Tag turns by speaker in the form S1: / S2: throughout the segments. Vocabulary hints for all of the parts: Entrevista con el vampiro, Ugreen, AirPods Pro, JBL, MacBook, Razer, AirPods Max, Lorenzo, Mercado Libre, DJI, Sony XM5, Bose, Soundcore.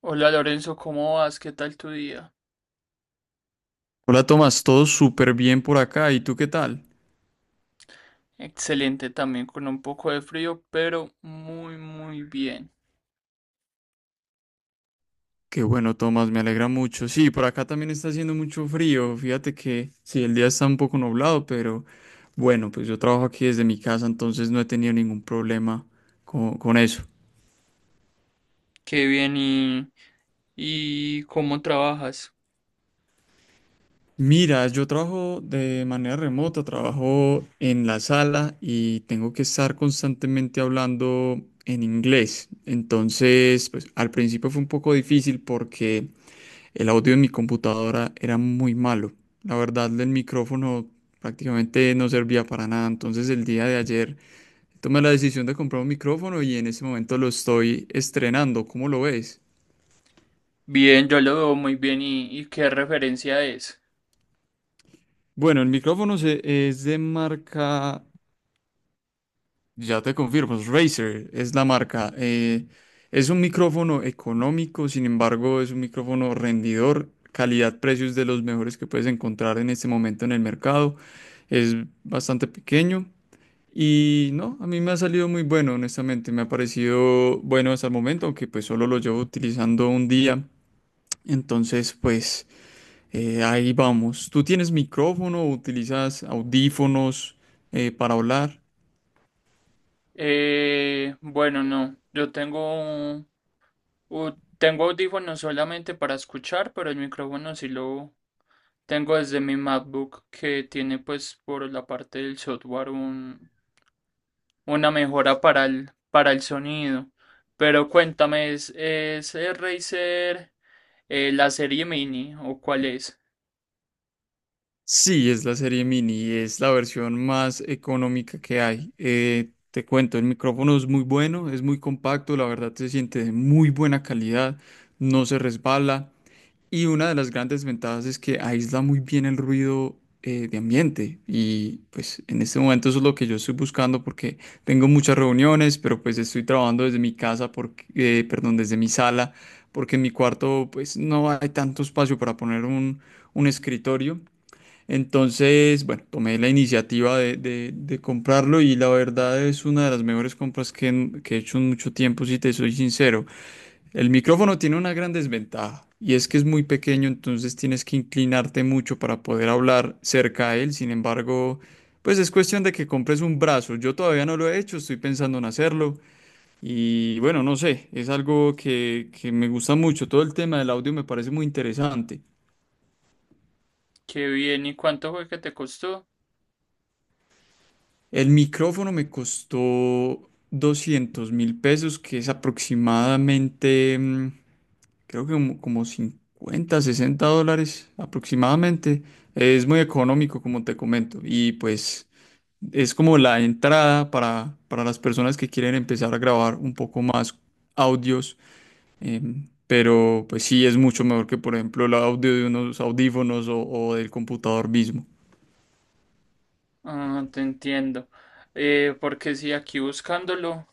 S1: Hola Lorenzo, ¿cómo vas? ¿Qué tal tu día?
S2: Hola Tomás, todo súper bien por acá. ¿Y tú qué tal?
S1: Excelente también, con un poco de frío, pero muy, muy bien.
S2: Qué bueno, Tomás, me alegra mucho. Sí, por acá también está haciendo mucho frío. Fíjate que sí, el día está un poco nublado, pero bueno, pues yo trabajo aquí desde mi casa, entonces no he tenido ningún problema con eso.
S1: Qué bien y ¿cómo trabajas?
S2: Mira, yo trabajo de manera remota, trabajo en la sala y tengo que estar constantemente hablando en inglés. Entonces, pues al principio fue un poco difícil porque el audio en mi computadora era muy malo. La verdad, el micrófono prácticamente no servía para nada. Entonces, el día de ayer tomé la decisión de comprar un micrófono y en ese momento lo estoy estrenando. ¿Cómo lo ves?
S1: Bien, yo lo veo muy bien y ¿qué referencia es?
S2: Bueno, el micrófono es de marca, ya te confirmo, es Razer, es la marca. Es un micrófono económico, sin embargo, es un micrófono rendidor. Calidad-precios de los mejores que puedes encontrar en este momento en el mercado. Es bastante pequeño. Y no, a mí me ha salido muy bueno, honestamente. Me ha parecido bueno hasta el momento, aunque pues solo lo llevo utilizando un día. Entonces, pues ahí vamos. ¿Tú tienes micrófono o utilizas audífonos para hablar?
S1: Bueno, no, yo tengo, tengo audífonos solamente para escuchar, pero el micrófono sí lo tengo desde mi MacBook que tiene pues por la parte del software una mejora para para el sonido. Pero cuéntame, ¿ es el Razer la serie mini o cuál es?
S2: Sí, es la serie mini, es la versión más económica que hay. Te cuento, el micrófono es muy bueno, es muy compacto, la verdad se siente de muy buena calidad, no se resbala. Y una de las grandes ventajas es que aísla muy bien el ruido de ambiente. Y pues en este momento eso es lo que yo estoy buscando porque tengo muchas reuniones, pero pues estoy trabajando desde mi casa, porque, perdón, desde mi sala, porque en mi cuarto pues no hay tanto espacio para poner un escritorio. Entonces, bueno, tomé la iniciativa de comprarlo y la verdad es una de las mejores compras que he hecho en mucho tiempo, si te soy sincero. El micrófono tiene una gran desventaja y es que es muy pequeño, entonces tienes que inclinarte mucho para poder hablar cerca a él. Sin embargo, pues es cuestión de que compres un brazo. Yo todavía no lo he hecho, estoy pensando en hacerlo y bueno, no sé, es algo que me gusta mucho. Todo el tema del audio me parece muy interesante.
S1: ¿Qué bien y cuánto fue que te costó?
S2: El micrófono me costó 200.000 pesos, que es aproximadamente, creo que como 50, 60 dólares aproximadamente. Es muy económico, como te comento. Y pues es como la entrada para las personas que quieren empezar a grabar un poco más audios. Pero pues sí, es mucho mejor que, por ejemplo, el audio de unos audífonos o del computador mismo.
S1: Ah, te entiendo. Porque si aquí buscándolo,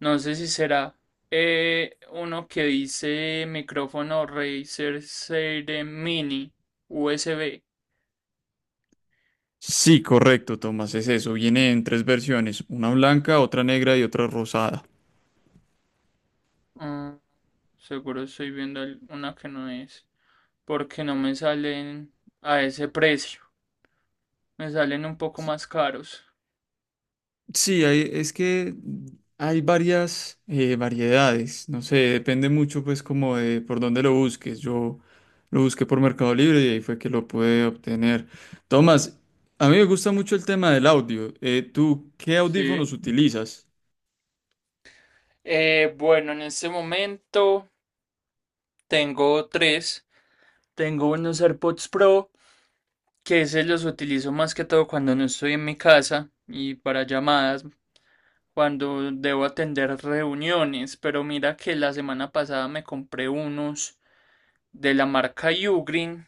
S1: no sé si será uno que dice micrófono Razer Serie Mini USB.
S2: Sí, correcto, Tomás, es eso. Viene en tres versiones, una blanca, otra negra y otra rosada.
S1: Ah, seguro estoy viendo una que no es, porque no me salen a ese precio. Me salen un poco más caros.
S2: Sí, es que hay varias variedades, no sé, depende mucho pues como de por dónde lo busques. Yo lo busqué por Mercado Libre y ahí fue que lo pude obtener. Tomás, a mí me gusta mucho el tema del audio. ¿Tú qué
S1: Sí.
S2: audífonos utilizas?
S1: Bueno, en este momento tengo tres. Tengo unos AirPods Pro, que se los utilizo más que todo cuando no estoy en mi casa y para llamadas, cuando debo atender reuniones. Pero mira que la semana pasada me compré unos de la marca Ugreen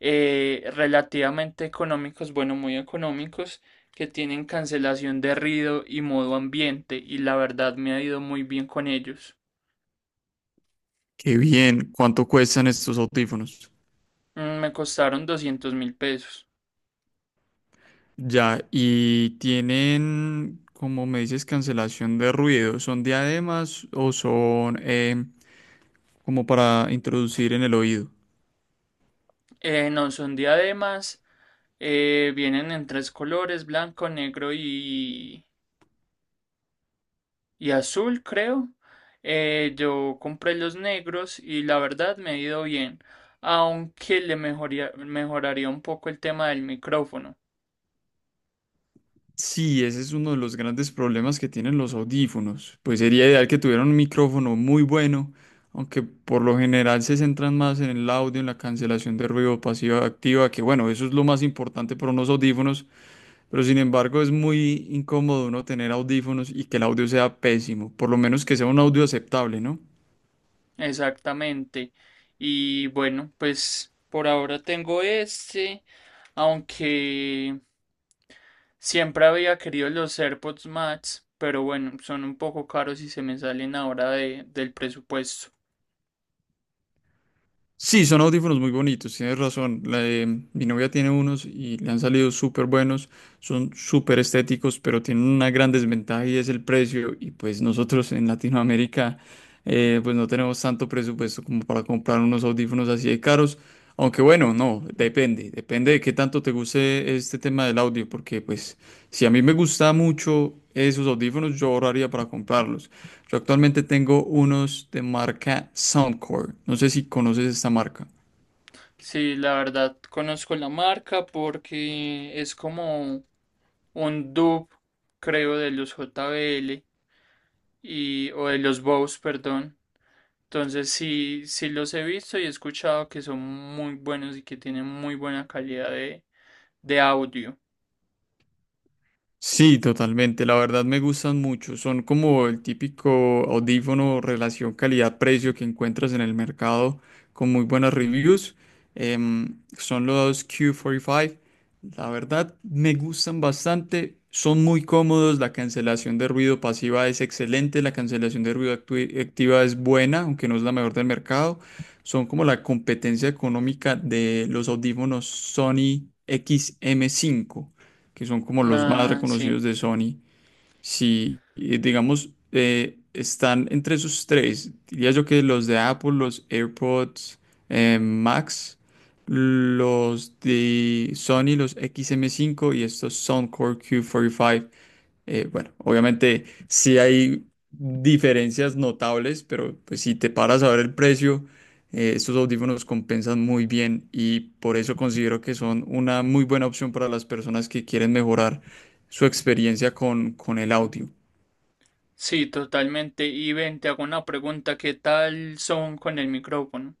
S1: relativamente económicos, bueno, muy económicos, que tienen cancelación de ruido y modo ambiente, y la verdad me ha ido muy bien con ellos.
S2: Qué bien, ¿cuánto cuestan estos audífonos?
S1: Me costaron 200.000 pesos.
S2: Ya, y tienen, como me dices, cancelación de ruido. ¿Son diademas o son como para introducir en el oído?
S1: No son diademas, vienen en tres colores, blanco, negro y azul, creo. Yo compré los negros y la verdad me ha ido bien, aunque mejoraría un poco el tema del micrófono.
S2: Sí, ese es uno de los grandes problemas que tienen los audífonos. Pues sería ideal que tuvieran un micrófono muy bueno, aunque por lo general se centran más en el audio, en la cancelación de ruido pasiva activa, que bueno, eso es lo más importante para unos audífonos, pero sin embargo es muy incómodo uno tener audífonos y que el audio sea pésimo, por lo menos que sea un audio aceptable, ¿no?
S1: Exactamente. Y bueno, pues por ahora tengo este, aunque siempre había querido los AirPods Max, pero bueno, son un poco caros y se me salen ahora del presupuesto.
S2: Sí, son audífonos muy bonitos, tienes razón. Mi novia tiene unos y le han salido súper buenos, son súper estéticos, pero tienen una gran desventaja y es el precio. Y pues nosotros en Latinoamérica pues no tenemos tanto presupuesto como para comprar unos audífonos así de caros. Aunque bueno, no, depende, depende de qué tanto te guste este tema del audio, porque pues si a mí me gusta mucho esos audífonos, yo ahorraría para comprarlos. Yo actualmente tengo unos de marca Soundcore. No sé si conoces esta marca.
S1: Sí, la verdad conozco la marca porque es como un dupe, creo, de los JBL o de los Bose, perdón. Entonces sí, sí los he visto y he escuchado que son muy buenos y que tienen muy buena calidad de audio.
S2: Sí, totalmente. La verdad me gustan mucho. Son como el típico audífono relación calidad-precio que encuentras en el mercado con muy buenas reviews. Son los Q45. La verdad me gustan bastante. Son muy cómodos. La cancelación de ruido pasiva es excelente. La cancelación de ruido activa es buena, aunque no es la mejor del mercado. Son como la competencia económica de los audífonos Sony XM5 que son como los más
S1: Ah,
S2: reconocidos
S1: sí,
S2: de Sony, si, digamos, están entre esos tres, diría yo que los de Apple, los AirPods Max, los de Sony, los XM5 y estos Soundcore Q45, bueno, obviamente sí hay diferencias notables, pero pues si te paras a ver el precio, estos audífonos compensan muy bien y por eso considero que son una muy buena opción para las personas que quieren mejorar su experiencia con el audio.
S1: sí, totalmente. Y ven, te hago una pregunta, ¿qué tal son con el micrófono?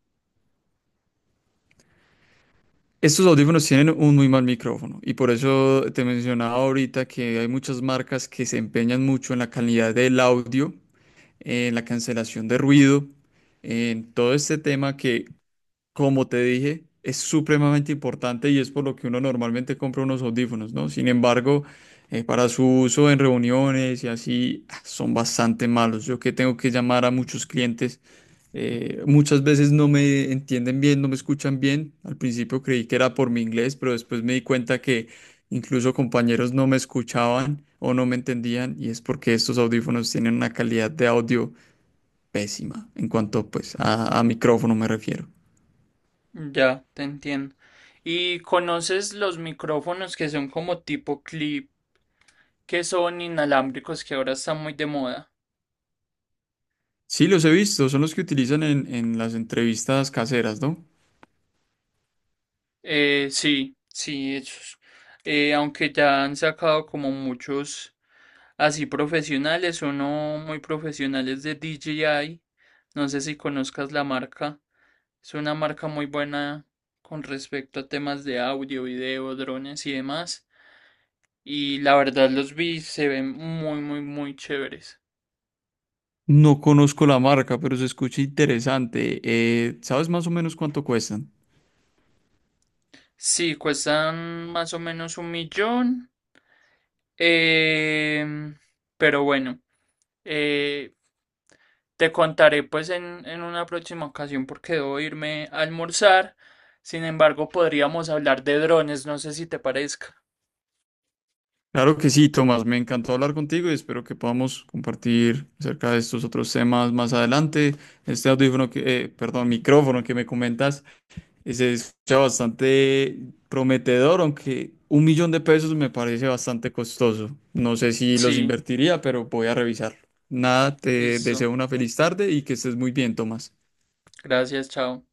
S2: Estos audífonos tienen un muy mal micrófono y por eso te mencionaba ahorita que hay muchas marcas que se empeñan mucho en la calidad del audio, en la cancelación de ruido en todo este tema que como te dije, es supremamente importante y es por lo que uno normalmente compra unos audífonos, ¿no? Sin embargo, para su uso en reuniones y así, ah, son bastante malos. Yo que tengo que llamar a muchos clientes, muchas veces no me entienden bien, no me escuchan bien. Al principio creí que era por mi inglés, pero después me di cuenta que incluso compañeros no me escuchaban o no me entendían y es porque estos audífonos tienen una calidad de audio pésima en cuanto pues a micrófono me refiero.
S1: Ya, te entiendo. ¿Y conoces los micrófonos que son como tipo clip, que son inalámbricos, que ahora están muy de moda?
S2: Sí, los he visto, son los que utilizan en las entrevistas caseras, ¿no?
S1: Sí, sí, esos. Aunque ya han sacado como muchos. Así profesionales o no muy profesionales de DJI. No sé si conozcas la marca. Es una marca muy buena con respecto a temas de audio, video, drones y demás. Y la verdad los vi, se ven muy, muy, muy chéveres.
S2: No conozco la marca, pero se escucha interesante. ¿Sabes más o menos cuánto cuestan?
S1: Sí, cuestan más o menos un millón. em, pero bueno, eh, te contaré pues en una próxima ocasión porque debo irme a almorzar. Sin embargo, podríamos hablar de drones, no sé si te parezca.
S2: Claro que sí, Tomás, me encantó hablar contigo y espero que podamos compartir acerca de estos otros temas más adelante. Este audífono que, perdón, micrófono que me comentas y se escucha bastante prometedor, aunque 1 millón de pesos me parece bastante costoso. No sé si los
S1: Sí,
S2: invertiría, pero voy a revisarlo. Nada, te
S1: listo.
S2: deseo una feliz tarde y que estés muy bien, Tomás.
S1: Gracias, chao.